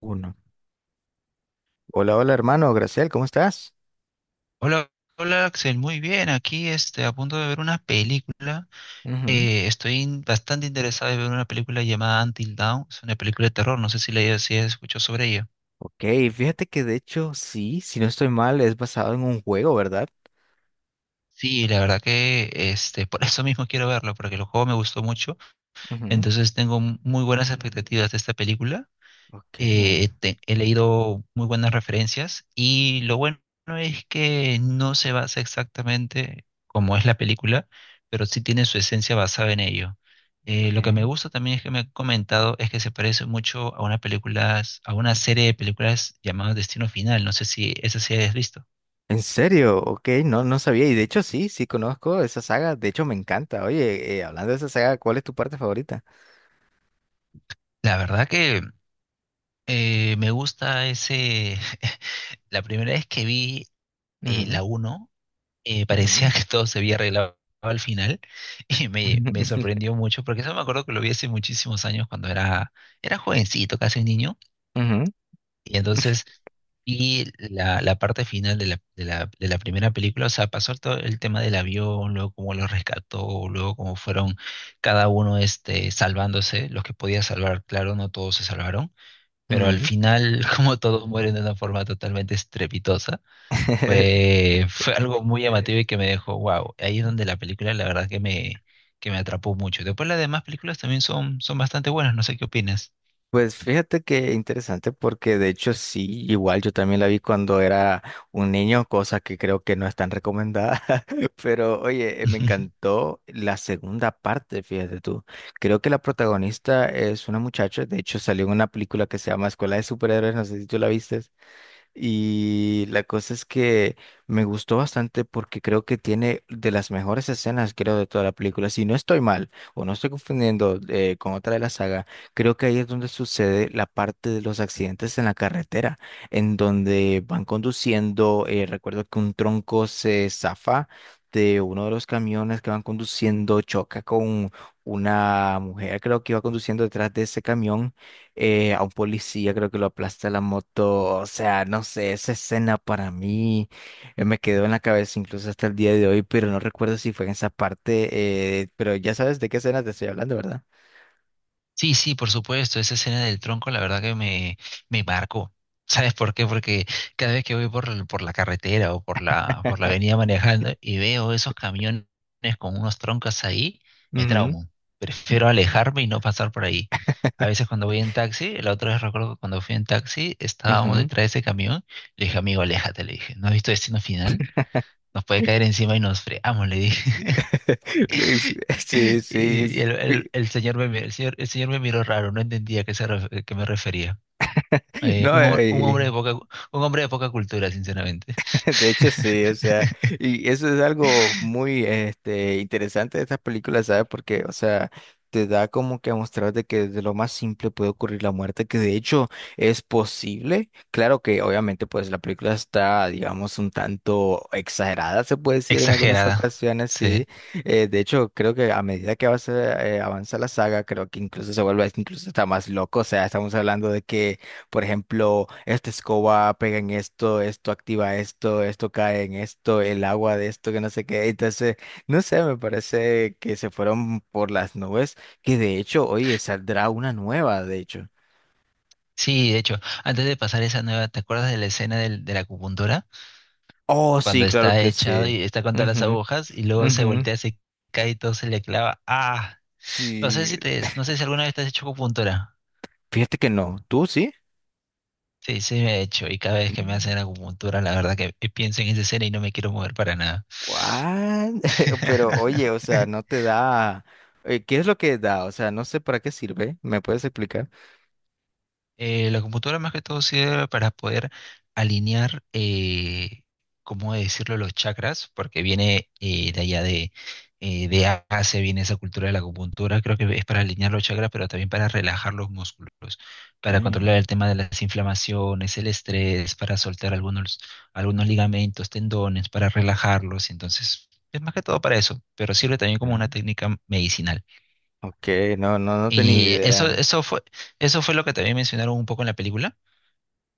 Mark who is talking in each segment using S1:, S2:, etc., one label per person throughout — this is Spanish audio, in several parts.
S1: Uno. Hola, hola hermano, Graciel, ¿cómo estás?
S2: Hola, hola Axel, muy bien. Aquí a punto de ver una película.
S1: Ujú.
S2: Bastante interesado en ver una película llamada Until Dawn. Es una película de terror. No sé si has escuchado sobre ella.
S1: Ok, fíjate que de hecho sí, si no estoy mal, es basado en un juego, ¿verdad?
S2: Sí, la verdad que por eso mismo quiero verlo, porque el juego me gustó mucho.
S1: Ujú.
S2: Entonces tengo muy buenas expectativas de esta película.
S1: Ok,
S2: He leído muy buenas referencias, y lo bueno es que no se basa exactamente como es la película, pero sí tiene su esencia basada en ello. Lo que me
S1: ok.
S2: gusta también es que me han comentado es que se parece mucho a una película, a una serie de películas llamada Destino Final. No sé si esa serie has visto.
S1: ¿En serio? Ok, no, no sabía. Y de hecho sí, sí conozco esa saga, de hecho me encanta. Oye, hablando de esa saga, ¿cuál es tu parte favorita?
S2: La verdad que me gusta ese... La primera vez que vi
S1: Ujú,
S2: la uno,
S1: ujú,
S2: parecía que todo se había arreglado al final. Y me sorprendió mucho, porque eso me acuerdo que lo vi hace muchísimos años cuando era jovencito, casi un niño,
S1: ujú,
S2: y la parte final de de la primera película. O sea, pasó todo el tema del avión, luego cómo los rescató, luego cómo fueron cada uno salvándose, los que podía salvar, claro, no todos se salvaron, pero al
S1: ujú.
S2: final como todos mueren de una forma totalmente estrepitosa, fue algo muy llamativo y que me dejó, wow. Ahí es donde la película la verdad que que me atrapó mucho. Después las demás películas también son bastante buenas, no sé qué opinas.
S1: Pues fíjate que interesante porque de hecho sí, igual yo también la vi cuando era un niño, cosa que creo que no es tan recomendada, pero oye, me encantó la segunda parte, fíjate tú. Creo que la protagonista es una muchacha, de hecho salió en una película que se llama Escuela de Superhéroes, no sé si tú la viste. Y la cosa es que me gustó bastante porque creo que tiene de las mejores escenas, creo, de toda la película. Si no estoy mal o no estoy confundiendo con otra de la saga, creo que ahí es donde sucede la parte de los accidentes en la carretera, en donde van conduciendo, recuerdo que un tronco se zafa de uno de los camiones que van conduciendo, choca con una mujer, creo que iba conduciendo detrás de ese camión, a un policía, creo que lo aplasta la moto, o sea, no sé, esa escena para mí, me quedó en la cabeza incluso hasta el día de hoy, pero no recuerdo si fue en esa parte, pero ya sabes de qué escena te estoy hablando, ¿verdad?
S2: Sí, sí, por supuesto, esa escena del tronco la verdad que me marcó. ¿Sabes por qué? Porque cada vez que voy por, por la carretera o por por la avenida manejando y veo esos camiones con unos troncos ahí, me
S1: Ujú.
S2: traumo. Prefiero alejarme y no pasar por ahí. A veces cuando voy en taxi, la otra vez recuerdo que cuando fui en taxi, estábamos
S1: Ujú.
S2: detrás de ese camión, le dije, amigo, aléjate, le dije, ¿no has visto Destino Final? Nos puede caer encima y nos fregamos, le dije.
S1: Sí, sí.
S2: Y
S1: Sí.
S2: el señor me miró raro, no entendía a qué, a qué me refería. Eh,
S1: No,
S2: un, hom- un hombre de poca, un hombre de poca cultura, sinceramente.
S1: de hecho, sí, o sea, y eso es algo muy interesante de estas películas, ¿sabes? Porque, o sea, te da como que a mostrar de que de lo más simple puede ocurrir la muerte, que de hecho es posible. Claro que obviamente pues la película está, digamos, un tanto exagerada, se puede decir en algunas
S2: Exagerada.
S1: ocasiones, sí.
S2: Sí.
S1: De hecho, creo que a medida que avanza, avanza la saga, creo que incluso se vuelve incluso está más loco, o sea, estamos hablando de que por ejemplo, esta escoba pega en esto, esto activa esto, esto cae en esto, el agua de esto, que no sé qué. Entonces, no sé, me parece que se fueron por las nubes, que de hecho, oye, saldrá una nueva, de hecho.
S2: Sí, de hecho, antes de pasar esa nueva, ¿te acuerdas de la escena de la acupuntura?
S1: Oh,
S2: Cuando
S1: sí, claro
S2: está
S1: que
S2: echado
S1: sí.
S2: y está con todas las
S1: Ujú,
S2: agujas y luego se
S1: ujú.
S2: voltea, se cae y todo se le clava. Ah, no sé
S1: Sí.
S2: no sé si alguna vez te has hecho acupuntura.
S1: Fíjate que no, ¿tú sí?
S2: Sí, sí me he hecho. Y cada vez que me
S1: Mm.
S2: hacen acupuntura, la verdad que pienso en esa escena y no me quiero mover para nada.
S1: What? Pero oye, o sea, no te da. ¿Qué es lo que da? O sea, no sé para qué sirve. ¿Me puedes explicar?
S2: La computadora más que todo sirve para poder alinear, ¿cómo decirlo?, los chakras, porque viene de Asia, viene esa cultura de la acupuntura. Creo que es para alinear los chakras, pero también para relajar los músculos, para
S1: ¿Qué?
S2: controlar el tema de las inflamaciones, el estrés, para soltar algunos ligamentos, tendones, para relajarlos, entonces... Es más que todo para eso, pero sirve también como una técnica medicinal.
S1: Ok, no, no, no tenía
S2: Y
S1: idea.
S2: eso eso fue lo que también mencionaron un poco en la película,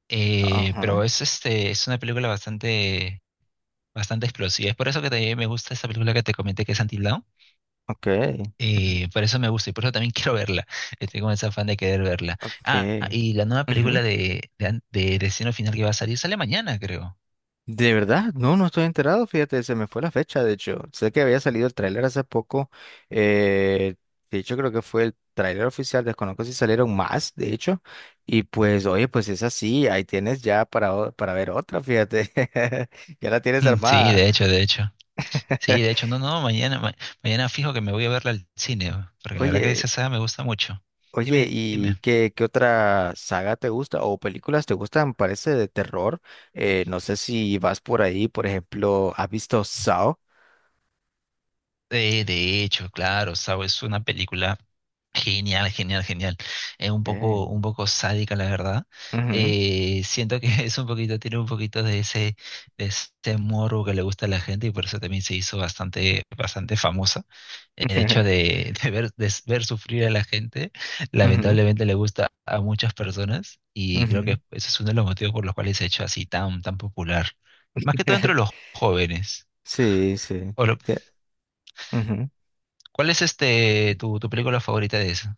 S1: Ajá,
S2: pero es es una película bastante explosiva. Es por eso que también me gusta esa película que te comenté que es Until Dawn.
S1: ok,
S2: Por eso me gusta y por eso también quiero verla. Estoy con ese afán de querer verla. Ah,
S1: ok.
S2: y la nueva
S1: Ujú.
S2: película de Destino Final que va a salir sale mañana, creo.
S1: De verdad, no, no estoy enterado, fíjate, se me fue la fecha, de hecho. Sé que había salido el tráiler hace poco. eh, de hecho, creo que fue el tráiler oficial, desconozco si salieron más, de hecho. Y pues, oye, pues es así, ahí tienes ya para ver otra, fíjate. Ya la tienes
S2: Mm, sí,
S1: armada.
S2: de hecho, de hecho. Sí, de hecho, no, no, mañana fijo que me voy a verla al cine, porque la verdad que esa
S1: Oye.
S2: saga me gusta mucho.
S1: Oye,
S2: Dime,
S1: ¿y
S2: dime.
S1: qué otra saga te gusta o películas te gustan? Parece de terror. No sé si vas por ahí, por ejemplo, ¿has visto Saw?
S2: De hecho, claro, Saw es una película genial, genial, genial. Es
S1: Okay.
S2: un poco sádica, la verdad.
S1: Ujú,
S2: Siento que es un poquito, tiene un poquito de ese morbo que le gusta a la gente, y por eso también se hizo bastante famosa. El hecho de ver sufrir a la gente
S1: ujú, ujú,
S2: lamentablemente le gusta a muchas personas, y creo que ese es uno de los motivos por los cuales se ha hecho así tan popular. Más que todo entre los jóvenes.
S1: sí, sí.
S2: O,
S1: Te- Ujú.
S2: ¿cuál es este tu película favorita de esa?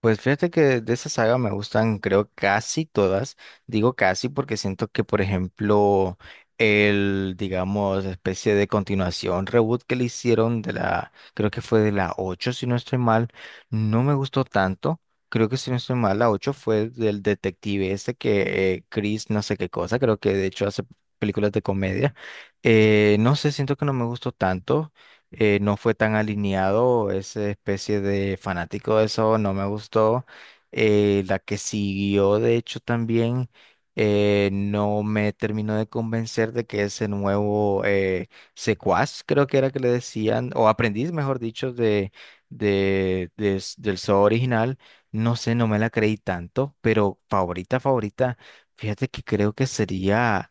S1: Pues fíjate que de esa saga me gustan, creo, casi todas. Digo casi porque siento que, por ejemplo, el, digamos, especie de continuación, reboot que le hicieron de la, creo que fue de la 8 si no estoy mal, no me gustó tanto. Creo que si no estoy mal, la 8 fue del detective ese que, Chris no sé qué cosa, creo que de hecho hace películas de comedia. No sé, siento que no me gustó tanto, no fue tan alineado, esa especie de fanático de eso no me gustó. La que siguió, de hecho, también no me terminó de convencer de que ese nuevo secuaz, creo que era que le decían, o aprendiz, mejor dicho, del Saw original, no sé, no me la creí tanto, pero favorita, favorita, fíjate que creo que sería...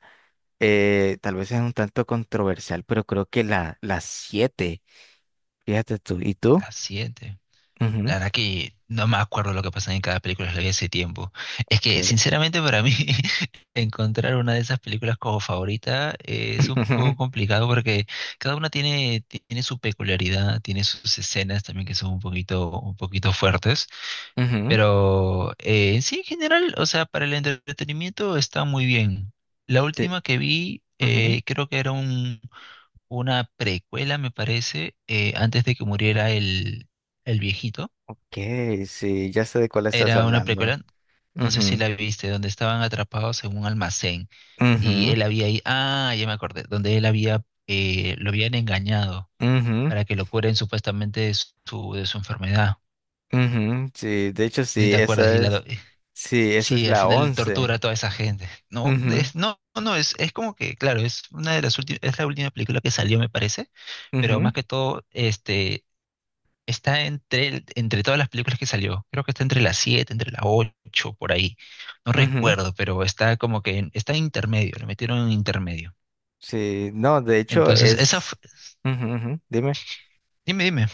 S1: eh, tal vez es un tanto controversial, pero creo que la siete. Fíjate tú. ¿Y tú?
S2: La siete.
S1: Ujú,
S2: La verdad que no me acuerdo lo que pasaba en cada película, la vi hace tiempo. Es
S1: ok.
S2: que, sinceramente, para mí, encontrar una de esas películas como favorita es un poco complicado, porque cada una tiene su peculiaridad, tiene sus escenas también que son un poquito fuertes.
S1: Ujú,
S2: Pero sí, en general, o sea, para el entretenimiento está muy bien. La
S1: te-
S2: última que vi,
S1: ujú,
S2: creo que era un una precuela, me parece, antes de que muriera el viejito.
S1: ok, sí, ya sé de cuál estás
S2: Era una
S1: hablando.
S2: precuela, no sé si
S1: Ujú,
S2: la viste, donde estaban atrapados en un almacén y
S1: ujú,
S2: él había ahí, ah, ya me acordé, donde él había, lo habían engañado
S1: ujú,
S2: para que lo curen supuestamente de de su enfermedad.
S1: ujú, sí, de hecho
S2: Si te acuerdas, y
S1: sí, esa es
S2: sí, al
S1: la
S2: final tortura
S1: once.
S2: a toda esa gente. No,
S1: Ujú,
S2: no, no, es como que, claro, es una de las últimas, es la última película que salió, me parece, pero
S1: ujú,
S2: más que todo, está entre todas las películas que salió. Creo que está entre las 7 entre las 8 por ahí. No
S1: ujú,
S2: recuerdo, pero está como que está en intermedio, lo metieron en intermedio.
S1: sí, no, de hecho
S2: Entonces,
S1: es, ujú, ujú, dime.
S2: dime, dime.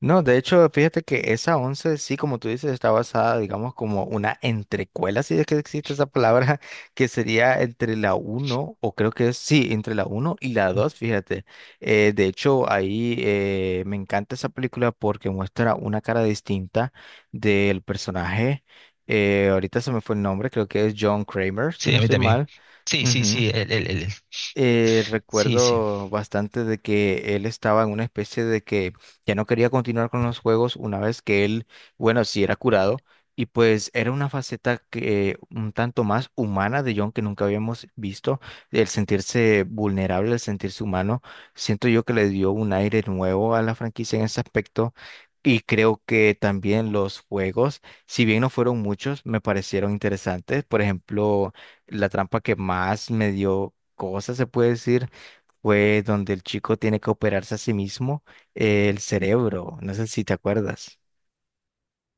S1: No, de hecho, fíjate que esa once, sí, como tú dices, está basada, digamos, como una entrecuela, si es que existe esa palabra, que sería entre la uno, o creo que es, sí, entre la uno y la dos, fíjate. De hecho, ahí me encanta esa película porque muestra una cara distinta del personaje. Ahorita se me fue el nombre, creo que es John Kramer, si
S2: Sí,
S1: no
S2: a mí
S1: estoy
S2: también.
S1: mal,
S2: Sí, sí, sí, sí, sí.
S1: recuerdo bastante de que él estaba en una especie de que ya no quería continuar con los juegos una vez que él, bueno, sí era curado y pues era una faceta que un tanto más humana de John que nunca habíamos visto, el sentirse vulnerable, el sentirse humano, siento yo que le dio un aire nuevo a la franquicia en ese aspecto. Y creo que también los juegos, si bien no fueron muchos, me parecieron interesantes. Por ejemplo, la trampa que más me dio cosa se puede decir, fue donde el chico tiene que operarse a sí mismo, el cerebro. No sé si te acuerdas.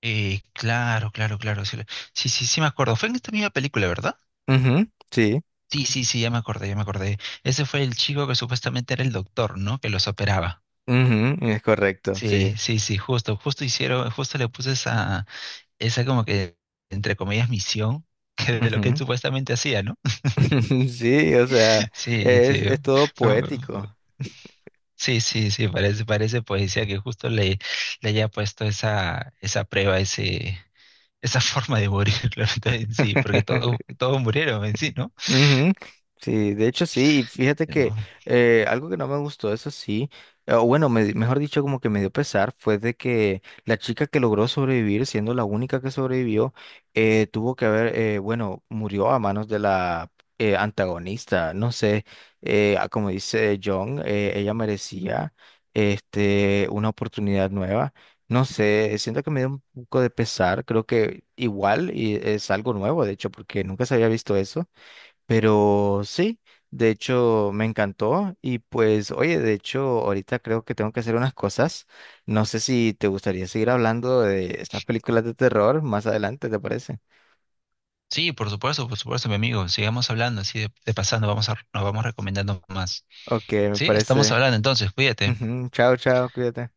S2: Claro, claro, claro. Sí, sí, sí me acuerdo. Fue en esta misma película, ¿verdad?
S1: Ujú, sí,
S2: Sí, sí, sí, ya me acordé, ya me acordé. Ese fue el chico que supuestamente era el doctor, ¿no? Que los operaba.
S1: ujú, es correcto,
S2: Sí,
S1: sí.
S2: sí, sí, justo hicieron, justo le puse esa como que, entre comillas, misión que de lo que él
S1: Ujú.
S2: supuestamente hacía, ¿no?
S1: Sí, o sea,
S2: Sí, sí,
S1: es todo
S2: fue-
S1: poético.
S2: sí, sí, sí, parece poesía que justo le haya puesto esa prueba, esa forma de morir, la verdad, en sí, porque todos murieron en sí, ¿no?
S1: Ujú, sí, de hecho sí, y fíjate que, algo que no me gustó, eso sí, o bueno, mejor dicho, como que me dio pesar, fue de que la chica que logró sobrevivir, siendo la única que sobrevivió, tuvo que haber, bueno, murió a manos de la, antagonista, no sé, ah, como dice John, ella merecía una oportunidad nueva. No sé, siento que me dio un poco de pesar, creo que igual y es algo nuevo, de hecho, porque nunca se había visto eso. Pero sí, de hecho me encantó y pues oye, de hecho ahorita creo que tengo que hacer unas cosas. No sé si te gustaría seguir hablando de estas películas de terror más adelante, ¿te parece?
S2: Sí, por supuesto, mi amigo, sigamos hablando así de pasando, vamos a, nos vamos recomendando más.
S1: Ok, me
S2: Sí, estamos
S1: parece.
S2: hablando entonces, cuídate.
S1: Ujú, chao, chao, cuídate.